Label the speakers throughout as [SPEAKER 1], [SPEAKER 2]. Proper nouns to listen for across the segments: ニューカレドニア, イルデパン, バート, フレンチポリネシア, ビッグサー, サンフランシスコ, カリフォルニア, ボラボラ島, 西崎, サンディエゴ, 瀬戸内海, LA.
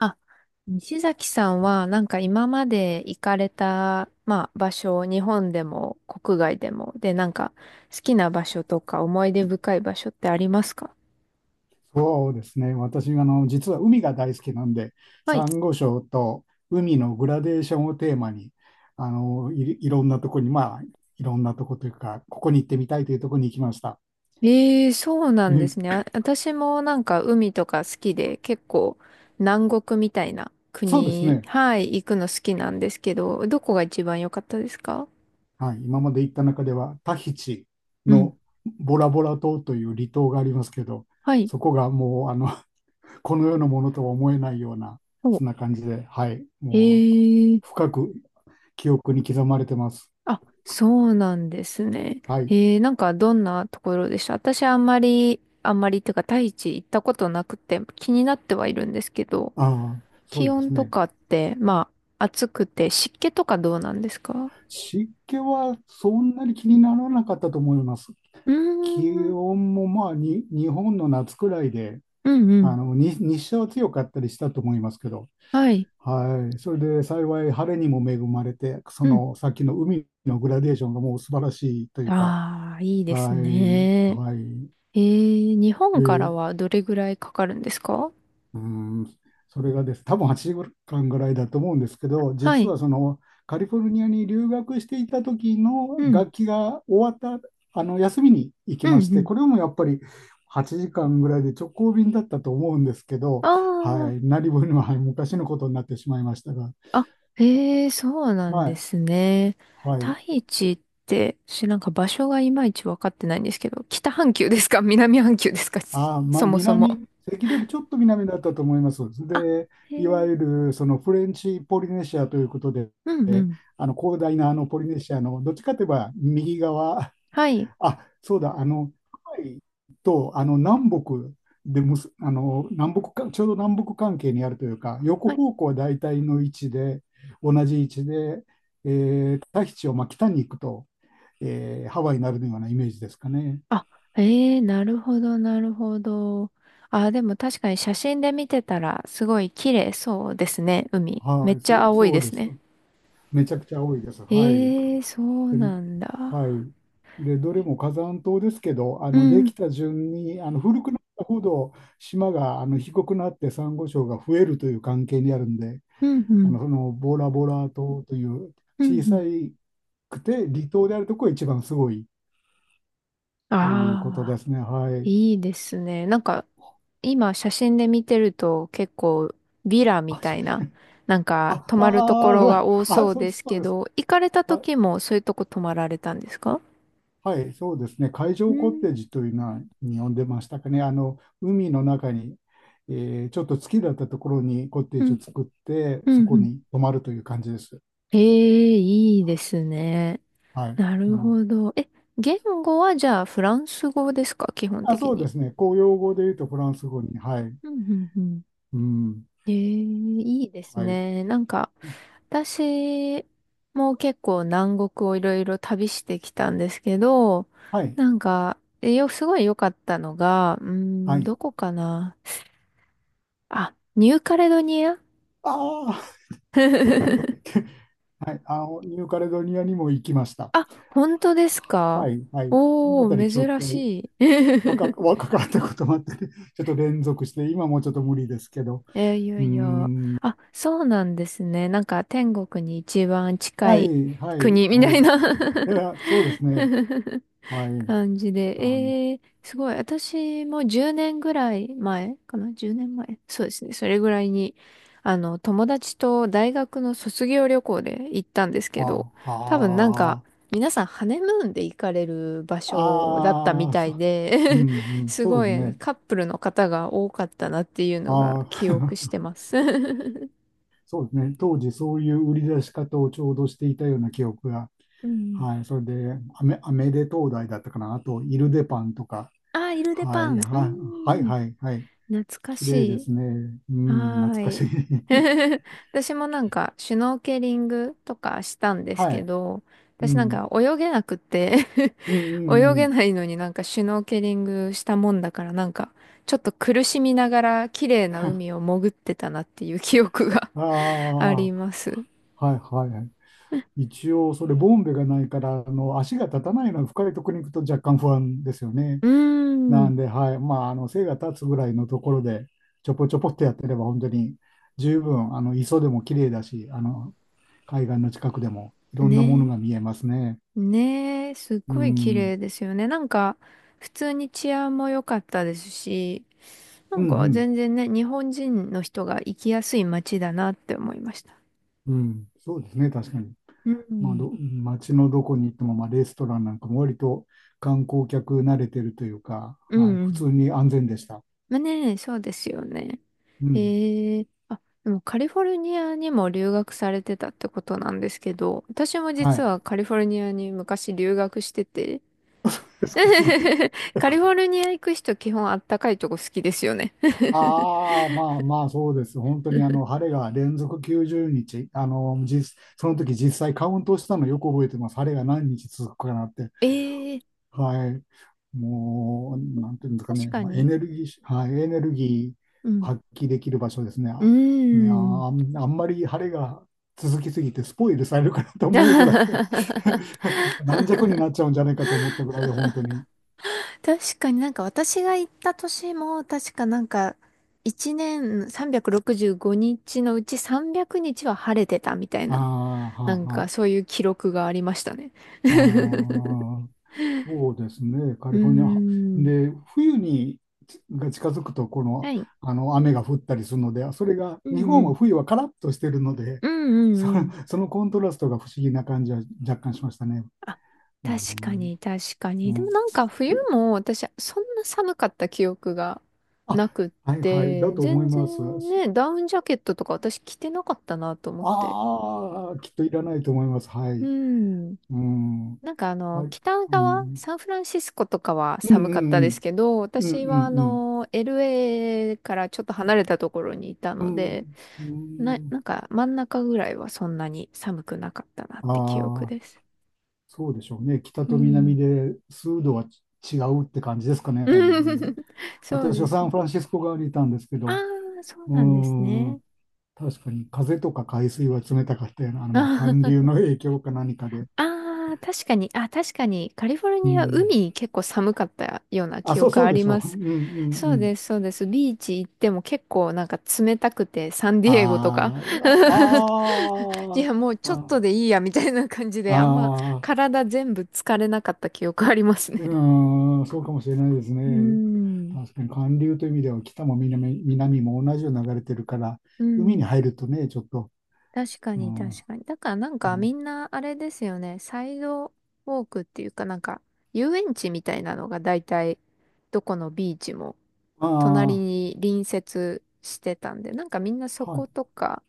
[SPEAKER 1] あ西崎さんは、なんか今まで行かれた、まあ場所、日本でも国外でも、で、なんか好きな場所とか思い出深い場所ってありますか？
[SPEAKER 2] そうですね。私、実は海が大好きなんで、
[SPEAKER 1] はい。
[SPEAKER 2] サンゴ礁と海のグラデーションをテーマに、いろんなとこに、まあ、いろんなとこというか、ここに行ってみたいというとこに行きました。
[SPEAKER 1] ええ、そうなんですね。
[SPEAKER 2] え
[SPEAKER 1] あ、私もなんか海とか好きで、結構南国みたいな
[SPEAKER 2] そうです
[SPEAKER 1] 国、
[SPEAKER 2] ね。
[SPEAKER 1] はい、行くの好きなんですけど、どこが一番良かったですか？
[SPEAKER 2] はい。今まで行った中では、タヒチ
[SPEAKER 1] うん。
[SPEAKER 2] のボラボラ島という離島がありますけど、
[SPEAKER 1] はい。
[SPEAKER 2] そこがもう、この世のものとは思えないような、
[SPEAKER 1] お、
[SPEAKER 2] そんな感じで、はい。もう、
[SPEAKER 1] ええ、
[SPEAKER 2] 深く記憶に刻まれてます。
[SPEAKER 1] あ、そうなんですね。
[SPEAKER 2] はい。
[SPEAKER 1] なんかどんなところでした？私あんまり、あんまりっていうか、大地行ったことなくて気になってはいるんですけど、
[SPEAKER 2] ああ、そ
[SPEAKER 1] 気
[SPEAKER 2] うで
[SPEAKER 1] 温
[SPEAKER 2] す
[SPEAKER 1] と
[SPEAKER 2] ね。
[SPEAKER 1] かって、まあ、暑くて湿気とかどうなんですか？
[SPEAKER 2] 湿気はそんなに気にならなかったと思います。
[SPEAKER 1] うー
[SPEAKER 2] 気
[SPEAKER 1] ん、
[SPEAKER 2] 温もまあに日本の夏くらいで、
[SPEAKER 1] うんう
[SPEAKER 2] あ
[SPEAKER 1] ん。
[SPEAKER 2] のに日射は強かったりしたと思いますけど、
[SPEAKER 1] はい。
[SPEAKER 2] はい、それで幸い晴れにも恵まれて、そ
[SPEAKER 1] うん。
[SPEAKER 2] のさっきの海のグラデーションがもう素晴らしいというか、
[SPEAKER 1] ああ、いいで
[SPEAKER 2] は
[SPEAKER 1] す
[SPEAKER 2] い、
[SPEAKER 1] ね。
[SPEAKER 2] はい。
[SPEAKER 1] 日本から
[SPEAKER 2] で、
[SPEAKER 1] はどれぐらいかかるんですか？
[SPEAKER 2] うーん、それがです、多分8時間ぐらいだと思うんですけど、
[SPEAKER 1] は
[SPEAKER 2] 実
[SPEAKER 1] い。
[SPEAKER 2] はそのカリフォルニアに留学していた時の
[SPEAKER 1] うん、
[SPEAKER 2] 学期が終わったあの休みに行き
[SPEAKER 1] うん、
[SPEAKER 2] まし
[SPEAKER 1] う
[SPEAKER 2] て、
[SPEAKER 1] ん。
[SPEAKER 2] これもやっぱり8時間ぐらいで直行便だったと思うんですけど、
[SPEAKER 1] あ
[SPEAKER 2] はい、
[SPEAKER 1] あ。
[SPEAKER 2] 何分にも、はい、昔のことになってしまいましたが、
[SPEAKER 1] あ、へえ、そうなん
[SPEAKER 2] は
[SPEAKER 1] で
[SPEAKER 2] い、
[SPEAKER 1] すね。
[SPEAKER 2] はい。
[SPEAKER 1] 大地って、私なんか場所がいまいちわかってないんですけど、北半球ですか？ 南半球ですか？
[SPEAKER 2] まあ、
[SPEAKER 1] そもそも。
[SPEAKER 2] 関取ちょっと南だったと思います。
[SPEAKER 1] あ、
[SPEAKER 2] で、
[SPEAKER 1] へ
[SPEAKER 2] いわ
[SPEAKER 1] え、
[SPEAKER 2] ゆるそのフレンチポリネシアということで、
[SPEAKER 1] うんうん。
[SPEAKER 2] 広大なあのポリネシアのどっちかといえば右側、
[SPEAKER 1] はい。
[SPEAKER 2] あ、そうだ、ハワイとあの南北でむす、あの南北か、ちょうど南北関係にあるというか、横
[SPEAKER 1] はい。
[SPEAKER 2] 方向は大体の位置で、同じ位置で、えタヒチをまあ北に行くと、ハワイになるようなイメージですかね。
[SPEAKER 1] あ、へえ、なるほど、なるほど。あ、でも確かに写真で見てたら、すごい綺麗そうですね、海。め
[SPEAKER 2] は
[SPEAKER 1] っ
[SPEAKER 2] い、
[SPEAKER 1] ちゃ青い
[SPEAKER 2] そ
[SPEAKER 1] で
[SPEAKER 2] うで
[SPEAKER 1] す
[SPEAKER 2] す。
[SPEAKER 1] ね。
[SPEAKER 2] めちゃくちゃ多いです。はい。
[SPEAKER 1] へえ、そう
[SPEAKER 2] で
[SPEAKER 1] なん
[SPEAKER 2] は
[SPEAKER 1] だ。
[SPEAKER 2] い。で、どれも火山島ですけど、
[SPEAKER 1] う
[SPEAKER 2] でき
[SPEAKER 1] ん、
[SPEAKER 2] た順に古くなったほど島が低くなってサンゴ礁が増えるという関係にあるんで、
[SPEAKER 1] うん、うん、
[SPEAKER 2] そのボラボラ島という
[SPEAKER 1] うん、
[SPEAKER 2] 小
[SPEAKER 1] う
[SPEAKER 2] さ
[SPEAKER 1] ん。
[SPEAKER 2] くて離島であるところが一番すごいということ
[SPEAKER 1] あ
[SPEAKER 2] で
[SPEAKER 1] あ。
[SPEAKER 2] すね。はい。
[SPEAKER 1] いいですね。なんか、今写真で見てると結構ビラみ
[SPEAKER 2] あ、
[SPEAKER 1] たいな、なんか泊
[SPEAKER 2] あ、
[SPEAKER 1] まるところが多
[SPEAKER 2] あ
[SPEAKER 1] そう
[SPEAKER 2] そう
[SPEAKER 1] で
[SPEAKER 2] です、
[SPEAKER 1] す
[SPEAKER 2] そう
[SPEAKER 1] け
[SPEAKER 2] です。
[SPEAKER 1] ど、行かれた
[SPEAKER 2] は
[SPEAKER 1] 時
[SPEAKER 2] い
[SPEAKER 1] もそういうとこ泊まられたんですか？
[SPEAKER 2] はい、そうですね。海
[SPEAKER 1] う
[SPEAKER 2] 上コ
[SPEAKER 1] ん、
[SPEAKER 2] テージというのはに呼んでましたかね。海の中に、ちょっと月だったところにコテー
[SPEAKER 1] う
[SPEAKER 2] ジを
[SPEAKER 1] ん、
[SPEAKER 2] 作って、
[SPEAKER 1] う
[SPEAKER 2] そ
[SPEAKER 1] ん、
[SPEAKER 2] こ
[SPEAKER 1] うん。
[SPEAKER 2] に泊まるという感じです。
[SPEAKER 1] ええ、いいですね。
[SPEAKER 2] はい。
[SPEAKER 1] なる
[SPEAKER 2] うん
[SPEAKER 1] ほど。え、言語はじゃあフランス語ですか、基本
[SPEAKER 2] あ、
[SPEAKER 1] 的
[SPEAKER 2] そうで
[SPEAKER 1] に？
[SPEAKER 2] すね。公用語で言うとフランス語に。はい。
[SPEAKER 1] うんうんうん、
[SPEAKER 2] うん。
[SPEAKER 1] ええ、いいです
[SPEAKER 2] はい。
[SPEAKER 1] ね。なんか、私も結構南国をいろいろ旅してきたんですけど、
[SPEAKER 2] はい。
[SPEAKER 1] なんか、すごい良かったのが、
[SPEAKER 2] はい。
[SPEAKER 1] どこかな。あ、ニューカレドニア
[SPEAKER 2] ああ、はい。ニューカレドニアにも行きました。
[SPEAKER 1] あ、本当です
[SPEAKER 2] は
[SPEAKER 1] か？
[SPEAKER 2] い。はい。そのあ
[SPEAKER 1] お
[SPEAKER 2] たり
[SPEAKER 1] ー、
[SPEAKER 2] ちょっ
[SPEAKER 1] 珍
[SPEAKER 2] と
[SPEAKER 1] しい。
[SPEAKER 2] 若、若かったこともあってね、ちょっと連続して、今もちょっと無理ですけど。
[SPEAKER 1] いや
[SPEAKER 2] う
[SPEAKER 1] いや。
[SPEAKER 2] ん。
[SPEAKER 1] あ、そうなんですね。なんか天国に一番近
[SPEAKER 2] は
[SPEAKER 1] い
[SPEAKER 2] い、はい、
[SPEAKER 1] 国み
[SPEAKER 2] は
[SPEAKER 1] た
[SPEAKER 2] い。
[SPEAKER 1] い
[SPEAKER 2] い
[SPEAKER 1] な
[SPEAKER 2] や、そうですね。は い。
[SPEAKER 1] 感じで、
[SPEAKER 2] あの、
[SPEAKER 1] すごい。私も10年ぐらい前かな？ 10 年前、そうですね。それぐらいに、友達と大学の卒業旅行で行ったんですけど、
[SPEAKER 2] あ、
[SPEAKER 1] 多分なんか、
[SPEAKER 2] あ
[SPEAKER 1] 皆さんハネムーンで行かれる場所だった
[SPEAKER 2] あ、
[SPEAKER 1] みた
[SPEAKER 2] そ
[SPEAKER 1] い
[SPEAKER 2] う、う
[SPEAKER 1] で
[SPEAKER 2] ん、う ん、
[SPEAKER 1] す
[SPEAKER 2] そうで
[SPEAKER 1] ご
[SPEAKER 2] す
[SPEAKER 1] い
[SPEAKER 2] ね。
[SPEAKER 1] カップルの方が多かったなっていうのが
[SPEAKER 2] あ
[SPEAKER 1] 記憶し
[SPEAKER 2] あ、
[SPEAKER 1] てます。
[SPEAKER 2] そうですね。当時、そういう売り出し方をちょうどしていたような記憶が。
[SPEAKER 1] うん。
[SPEAKER 2] はい。それで、アメレ東大だったかな。あと、イルデパンとか。
[SPEAKER 1] あー、イルデ
[SPEAKER 2] は
[SPEAKER 1] パ
[SPEAKER 2] い、
[SPEAKER 1] ン。う
[SPEAKER 2] はい、はい、
[SPEAKER 1] ん。
[SPEAKER 2] はい。はい
[SPEAKER 1] 懐か
[SPEAKER 2] 綺
[SPEAKER 1] し
[SPEAKER 2] 麗で
[SPEAKER 1] い。
[SPEAKER 2] すね。う
[SPEAKER 1] は
[SPEAKER 2] ん、懐か
[SPEAKER 1] ー
[SPEAKER 2] しい。
[SPEAKER 1] い。私もなんか、シュノーケリングとかしたんです
[SPEAKER 2] は
[SPEAKER 1] け
[SPEAKER 2] い。
[SPEAKER 1] ど、
[SPEAKER 2] う
[SPEAKER 1] 私なんか
[SPEAKER 2] ん、
[SPEAKER 1] 泳げなくて
[SPEAKER 2] うん、う
[SPEAKER 1] 泳
[SPEAKER 2] ん、う
[SPEAKER 1] げ
[SPEAKER 2] ん。
[SPEAKER 1] ないのになんかシュノーケリングしたもんだからなんか、ちょっと苦しみながら綺麗な海 を潜ってたなっていう記憶が
[SPEAKER 2] あ
[SPEAKER 1] あ
[SPEAKER 2] あ、
[SPEAKER 1] り
[SPEAKER 2] は
[SPEAKER 1] ます。
[SPEAKER 2] い、はい。一応、それ、ボンベがないから、足が立たないのは深いところに行くと若干不安ですよね。
[SPEAKER 1] うー
[SPEAKER 2] な
[SPEAKER 1] ん。
[SPEAKER 2] んで、はい。まあ、背が立つぐらいのところで、ちょぽちょぽってやってれば、本当に十分、磯でも綺麗だし、海岸の近くでもいろんなもの
[SPEAKER 1] ね。
[SPEAKER 2] が見えますね。
[SPEAKER 1] ねえ、すっ
[SPEAKER 2] うん、
[SPEAKER 1] ごい綺
[SPEAKER 2] うん、
[SPEAKER 1] 麗ですよね。なんか、普通に治安も良かったですし、な
[SPEAKER 2] う
[SPEAKER 1] んか
[SPEAKER 2] ん、
[SPEAKER 1] 全然ね、日本人の人が行きやすい街だなって思いました。
[SPEAKER 2] うん。そうですね、確かに。
[SPEAKER 1] う
[SPEAKER 2] まあ、
[SPEAKER 1] ん。
[SPEAKER 2] 街のどこに行っても、まあ、レストランなんかも割と観光客慣れてるというか、
[SPEAKER 1] う
[SPEAKER 2] は
[SPEAKER 1] ん
[SPEAKER 2] い。
[SPEAKER 1] う
[SPEAKER 2] 普通
[SPEAKER 1] ん。
[SPEAKER 2] に安全でした。
[SPEAKER 1] まあね、そうですよね。
[SPEAKER 2] うん。
[SPEAKER 1] ええ、あ、でもカリフォルニアにも留学されてたってことなんですけど、私も
[SPEAKER 2] は
[SPEAKER 1] 実
[SPEAKER 2] い。
[SPEAKER 1] はカリフォルニアに昔留学してて、
[SPEAKER 2] ですか、すごい。
[SPEAKER 1] カリフォルニア行く人基本あったかいとこ好きですよね。
[SPEAKER 2] ああ、まあまあ、そうです。本当にあの晴れが連続90日、あの実その時実際カウントしたのよく覚えてます。晴れが何日続くかなって。
[SPEAKER 1] ええ、
[SPEAKER 2] はい。もう、なんていうんですか
[SPEAKER 1] 確
[SPEAKER 2] ね、
[SPEAKER 1] か
[SPEAKER 2] まあ、エ
[SPEAKER 1] に。
[SPEAKER 2] ネルギー、はい、エネルギー
[SPEAKER 1] うん。
[SPEAKER 2] 発揮できる場所ですね。
[SPEAKER 1] うー
[SPEAKER 2] あ、ね、あ、あ
[SPEAKER 1] ん。
[SPEAKER 2] んあんまり晴れが続きすぎてスポイルされるかなと思うぐらい 軟弱になっちゃうんじゃないかと思ったぐらいで、本当に。
[SPEAKER 1] 確かに、なんか私が行った年も確かなんか1年365日のうち300日は晴れてたみたい
[SPEAKER 2] ああ、
[SPEAKER 1] な、
[SPEAKER 2] は
[SPEAKER 1] な
[SPEAKER 2] あ、
[SPEAKER 1] んか
[SPEAKER 2] は
[SPEAKER 1] そういう記録がありましたね。
[SPEAKER 2] あ
[SPEAKER 1] う
[SPEAKER 2] あ、そうですね。カ
[SPEAKER 1] ー
[SPEAKER 2] リフォルニア。
[SPEAKER 1] ん。
[SPEAKER 2] で、冬にちが近づくと、こ
[SPEAKER 1] は
[SPEAKER 2] の、
[SPEAKER 1] い。
[SPEAKER 2] あの雨が降ったりするので、それが、
[SPEAKER 1] う
[SPEAKER 2] 日
[SPEAKER 1] んう
[SPEAKER 2] 本は
[SPEAKER 1] ん。
[SPEAKER 2] 冬はカラッとしてるので、
[SPEAKER 1] うん う
[SPEAKER 2] そ、
[SPEAKER 1] んうん。
[SPEAKER 2] そのコントラストが不思議な感じは若干しましたね。
[SPEAKER 1] あ、
[SPEAKER 2] う
[SPEAKER 1] 確か
[SPEAKER 2] ん、
[SPEAKER 1] に、確か
[SPEAKER 2] う
[SPEAKER 1] に。でも
[SPEAKER 2] ん
[SPEAKER 1] なんか冬も私、そんな寒かった記憶が
[SPEAKER 2] あ、
[SPEAKER 1] なくっ
[SPEAKER 2] はいはい、だ
[SPEAKER 1] て、
[SPEAKER 2] と思い
[SPEAKER 1] 全
[SPEAKER 2] ます。
[SPEAKER 1] 然ね、ダウンジャケットとか私着てなかったなと思って。
[SPEAKER 2] ああ、きっといらないと思います。は
[SPEAKER 1] う
[SPEAKER 2] い。
[SPEAKER 1] ん。
[SPEAKER 2] うん、
[SPEAKER 1] なんかあの、
[SPEAKER 2] はい。
[SPEAKER 1] 北
[SPEAKER 2] う
[SPEAKER 1] 側、
[SPEAKER 2] ん、
[SPEAKER 1] サンフランシスコとかは
[SPEAKER 2] うん、
[SPEAKER 1] 寒かっ
[SPEAKER 2] う
[SPEAKER 1] たです
[SPEAKER 2] ん、
[SPEAKER 1] けど、
[SPEAKER 2] うん、
[SPEAKER 1] 私はあ
[SPEAKER 2] うん、
[SPEAKER 1] の、LA からちょっと離れたところにいた
[SPEAKER 2] う
[SPEAKER 1] の
[SPEAKER 2] ん、
[SPEAKER 1] で、
[SPEAKER 2] う
[SPEAKER 1] な、
[SPEAKER 2] ん、
[SPEAKER 1] なんか真ん中ぐらいはそんなに寒くなかったなっ
[SPEAKER 2] う
[SPEAKER 1] て記
[SPEAKER 2] ん、
[SPEAKER 1] 憶
[SPEAKER 2] あ
[SPEAKER 1] で
[SPEAKER 2] あ。
[SPEAKER 1] す。
[SPEAKER 2] そうでしょうね。北
[SPEAKER 1] う
[SPEAKER 2] と南
[SPEAKER 1] ん。
[SPEAKER 2] で数度は違うって感じですかね。うん、
[SPEAKER 1] そう
[SPEAKER 2] 私
[SPEAKER 1] で
[SPEAKER 2] はサ
[SPEAKER 1] すね。
[SPEAKER 2] ンフランシスコ側にいたんですけ
[SPEAKER 1] あ
[SPEAKER 2] ど、
[SPEAKER 1] あ、そう
[SPEAKER 2] うー
[SPEAKER 1] なんですね。
[SPEAKER 2] ん、確かに風とか海水は冷たかったような、まあ、寒流
[SPEAKER 1] あ
[SPEAKER 2] の影響か何かで。
[SPEAKER 1] ーあー、確かに、確かに、カリフォル
[SPEAKER 2] う
[SPEAKER 1] ニア、
[SPEAKER 2] ん。
[SPEAKER 1] 海結構寒かったような
[SPEAKER 2] あ、
[SPEAKER 1] 記
[SPEAKER 2] そう
[SPEAKER 1] 憶
[SPEAKER 2] そ
[SPEAKER 1] あ
[SPEAKER 2] うで
[SPEAKER 1] り
[SPEAKER 2] し
[SPEAKER 1] ま
[SPEAKER 2] ょう。う
[SPEAKER 1] す。
[SPEAKER 2] んうん
[SPEAKER 1] そ
[SPEAKER 2] う
[SPEAKER 1] う
[SPEAKER 2] ん。
[SPEAKER 1] です、そうです。ビーチ行っても結構なんか冷たくて、サンディエゴとか。
[SPEAKER 2] あー
[SPEAKER 1] い
[SPEAKER 2] あ
[SPEAKER 1] や、もう
[SPEAKER 2] ー、
[SPEAKER 1] ちょっと
[SPEAKER 2] あ
[SPEAKER 1] でいいや、みたいな感じで、あんま
[SPEAKER 2] あ、
[SPEAKER 1] 体全部疲れなかった記憶ありますね。
[SPEAKER 2] うーん、そうかもしれないです
[SPEAKER 1] うー
[SPEAKER 2] ね。
[SPEAKER 1] ん、
[SPEAKER 2] 確かに寒流という意味では北も南、南も同じように流れてるから、
[SPEAKER 1] う
[SPEAKER 2] 海に
[SPEAKER 1] ん。
[SPEAKER 2] 入るとね、ちょっと
[SPEAKER 1] 確か
[SPEAKER 2] う
[SPEAKER 1] に
[SPEAKER 2] ん、
[SPEAKER 1] 確かに。だからなんか
[SPEAKER 2] う
[SPEAKER 1] み
[SPEAKER 2] ん。
[SPEAKER 1] んなあれですよね。サイドウォークっていうかなんか遊園地みたいなのが大体どこのビーチも
[SPEAKER 2] あ
[SPEAKER 1] 隣
[SPEAKER 2] あ、
[SPEAKER 1] に隣接してたんで、なんかみんなそ
[SPEAKER 2] は
[SPEAKER 1] こ
[SPEAKER 2] い、
[SPEAKER 1] とか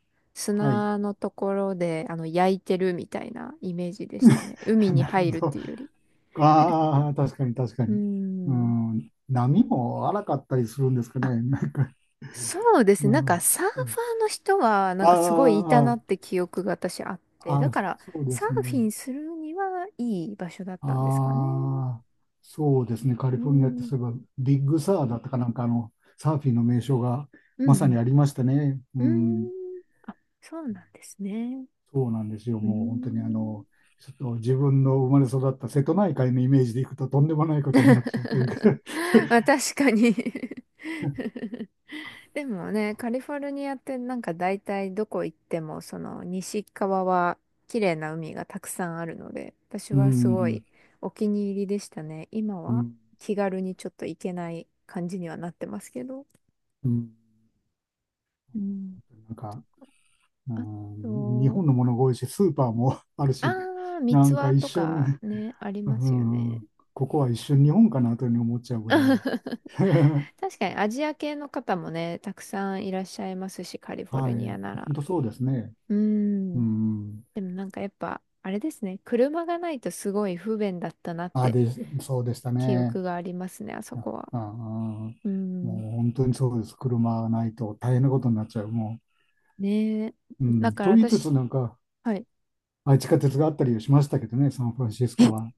[SPEAKER 2] はい。
[SPEAKER 1] 砂のところであの焼いてるみたいなイメージでしたね。海 に
[SPEAKER 2] なる
[SPEAKER 1] 入るっ
[SPEAKER 2] ほど。
[SPEAKER 1] ていうより。
[SPEAKER 2] ああ、確かに確か
[SPEAKER 1] うー
[SPEAKER 2] に。う
[SPEAKER 1] ん。
[SPEAKER 2] ん、波も荒かったりするんですか
[SPEAKER 1] あ、
[SPEAKER 2] ね。なんか、
[SPEAKER 1] そうです
[SPEAKER 2] う
[SPEAKER 1] ね。なんか
[SPEAKER 2] ん、
[SPEAKER 1] サーフ
[SPEAKER 2] う
[SPEAKER 1] ァ
[SPEAKER 2] ん。
[SPEAKER 1] ーの人はなんかすごいいた
[SPEAKER 2] あ
[SPEAKER 1] な
[SPEAKER 2] あ、
[SPEAKER 1] って記憶が私あって、
[SPEAKER 2] あ
[SPEAKER 1] だ
[SPEAKER 2] あ、
[SPEAKER 1] から
[SPEAKER 2] そうで
[SPEAKER 1] サー
[SPEAKER 2] す
[SPEAKER 1] フ
[SPEAKER 2] ね。
[SPEAKER 1] ィンするにはいい場所だったんですかね。
[SPEAKER 2] ああ、そうですね。カリ
[SPEAKER 1] う
[SPEAKER 2] フォルニアって
[SPEAKER 1] ん。
[SPEAKER 2] そういえば、ビッグサーだったかなんかサーフィンの名称が
[SPEAKER 1] う
[SPEAKER 2] まさに
[SPEAKER 1] ん。
[SPEAKER 2] ありましたね。
[SPEAKER 1] う
[SPEAKER 2] うん。
[SPEAKER 1] ん。あ、そうなんですね。
[SPEAKER 2] そうなんですよ。
[SPEAKER 1] う
[SPEAKER 2] もう本当に
[SPEAKER 1] ん。
[SPEAKER 2] ちょっと自分の生まれ育った瀬戸内海のイメージでいくととんでもないことになっちゃうというか
[SPEAKER 1] まあ確かに。 でもね、カリフォルニアってなんか大体どこ行ってもその西側は綺麗な海がたくさんあるので、私
[SPEAKER 2] う
[SPEAKER 1] はすごい
[SPEAKER 2] ん、
[SPEAKER 1] お気に入りでしたね。今
[SPEAKER 2] う
[SPEAKER 1] は
[SPEAKER 2] ん、
[SPEAKER 1] 気軽にちょっと行けない感じにはなってますけど。
[SPEAKER 2] うん、
[SPEAKER 1] うん。
[SPEAKER 2] なんか、う
[SPEAKER 1] あ
[SPEAKER 2] ん、日
[SPEAKER 1] と、
[SPEAKER 2] 本のものが多いし、スーパーも ある
[SPEAKER 1] あ
[SPEAKER 2] し、
[SPEAKER 1] 三
[SPEAKER 2] な
[SPEAKER 1] ツ
[SPEAKER 2] んか
[SPEAKER 1] 輪
[SPEAKER 2] 一
[SPEAKER 1] と
[SPEAKER 2] 瞬、
[SPEAKER 1] かね、あり
[SPEAKER 2] う
[SPEAKER 1] ますよね。
[SPEAKER 2] ん、ここは一瞬日本かなというふうに思っちゃうぐらいで。
[SPEAKER 1] 確かにアジア系の方もね、たくさんいらっしゃいますし、カリフォ
[SPEAKER 2] は
[SPEAKER 1] ルニア
[SPEAKER 2] い、
[SPEAKER 1] な
[SPEAKER 2] 本
[SPEAKER 1] ら。
[SPEAKER 2] 当そうですね。
[SPEAKER 1] うー
[SPEAKER 2] う
[SPEAKER 1] ん。
[SPEAKER 2] ん、
[SPEAKER 1] でもなんかやっぱ、あれですね、車がないとすごい不便だったなっ
[SPEAKER 2] あ、
[SPEAKER 1] て
[SPEAKER 2] で、そうでした
[SPEAKER 1] 記
[SPEAKER 2] ね。
[SPEAKER 1] 憶がありますね、あそ
[SPEAKER 2] あ、
[SPEAKER 1] こは。
[SPEAKER 2] あ、も
[SPEAKER 1] う
[SPEAKER 2] う
[SPEAKER 1] ん。
[SPEAKER 2] 本当にそうです。車がないと大変なことになっちゃう。もう
[SPEAKER 1] ねえ。
[SPEAKER 2] う
[SPEAKER 1] だ
[SPEAKER 2] ん、
[SPEAKER 1] から
[SPEAKER 2] と言いつつ、
[SPEAKER 1] 私、
[SPEAKER 2] なんか、
[SPEAKER 1] はい。
[SPEAKER 2] あ、地下鉄があったりしましたけどね、サンフランシス
[SPEAKER 1] え、
[SPEAKER 2] コは。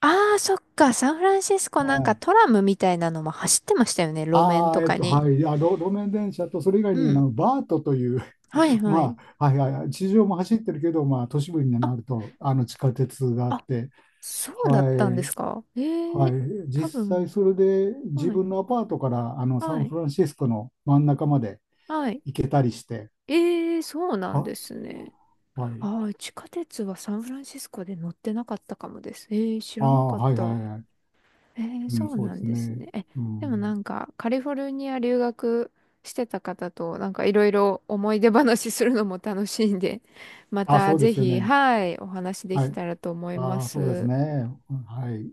[SPEAKER 1] ああ、そっか、サンフランシスコ
[SPEAKER 2] は
[SPEAKER 1] なんか
[SPEAKER 2] い、
[SPEAKER 1] トラムみたいなのも走ってましたよね、路面とかに。
[SPEAKER 2] はい、あ、路面電車と、それ以外
[SPEAKER 1] う
[SPEAKER 2] に
[SPEAKER 1] ん。
[SPEAKER 2] バートという、
[SPEAKER 1] はいはい。
[SPEAKER 2] まあ、はいはいはい、地上も走ってるけど、まあ、都市部に
[SPEAKER 1] あ、
[SPEAKER 2] なると、地下鉄があっ
[SPEAKER 1] あ、
[SPEAKER 2] て、
[SPEAKER 1] そうだっ
[SPEAKER 2] は
[SPEAKER 1] たんで
[SPEAKER 2] い、
[SPEAKER 1] すか？え
[SPEAKER 2] は
[SPEAKER 1] え、
[SPEAKER 2] い、
[SPEAKER 1] 多
[SPEAKER 2] 実際
[SPEAKER 1] 分。
[SPEAKER 2] それで自
[SPEAKER 1] はい、
[SPEAKER 2] 分のアパートから、サ
[SPEAKER 1] は
[SPEAKER 2] ン
[SPEAKER 1] い、
[SPEAKER 2] フランシスコの真ん中まで
[SPEAKER 1] はい。
[SPEAKER 2] 行けたりして、
[SPEAKER 1] ええ、そうなん
[SPEAKER 2] は、
[SPEAKER 1] ですね。
[SPEAKER 2] はい、
[SPEAKER 1] ああ、地下鉄はサンフランシスコで乗ってなかったかもです。ええ、知
[SPEAKER 2] あー、
[SPEAKER 1] らなかっ
[SPEAKER 2] はいはい
[SPEAKER 1] た。
[SPEAKER 2] はい、うん、
[SPEAKER 1] そう
[SPEAKER 2] そう
[SPEAKER 1] な
[SPEAKER 2] で
[SPEAKER 1] ん
[SPEAKER 2] す
[SPEAKER 1] です
[SPEAKER 2] ね、
[SPEAKER 1] ね。え、
[SPEAKER 2] う
[SPEAKER 1] でも
[SPEAKER 2] ん、
[SPEAKER 1] なんか、カリフォルニア留学してた方と、なんかいろいろ思い出話するのも楽しいんで、ま
[SPEAKER 2] あ、
[SPEAKER 1] た
[SPEAKER 2] そうで
[SPEAKER 1] ぜ
[SPEAKER 2] すよ
[SPEAKER 1] ひ、
[SPEAKER 2] ね、
[SPEAKER 1] はい、お話で
[SPEAKER 2] は
[SPEAKER 1] き
[SPEAKER 2] い、
[SPEAKER 1] たらと思いま
[SPEAKER 2] ああ、そうです
[SPEAKER 1] す。
[SPEAKER 2] ね。はい。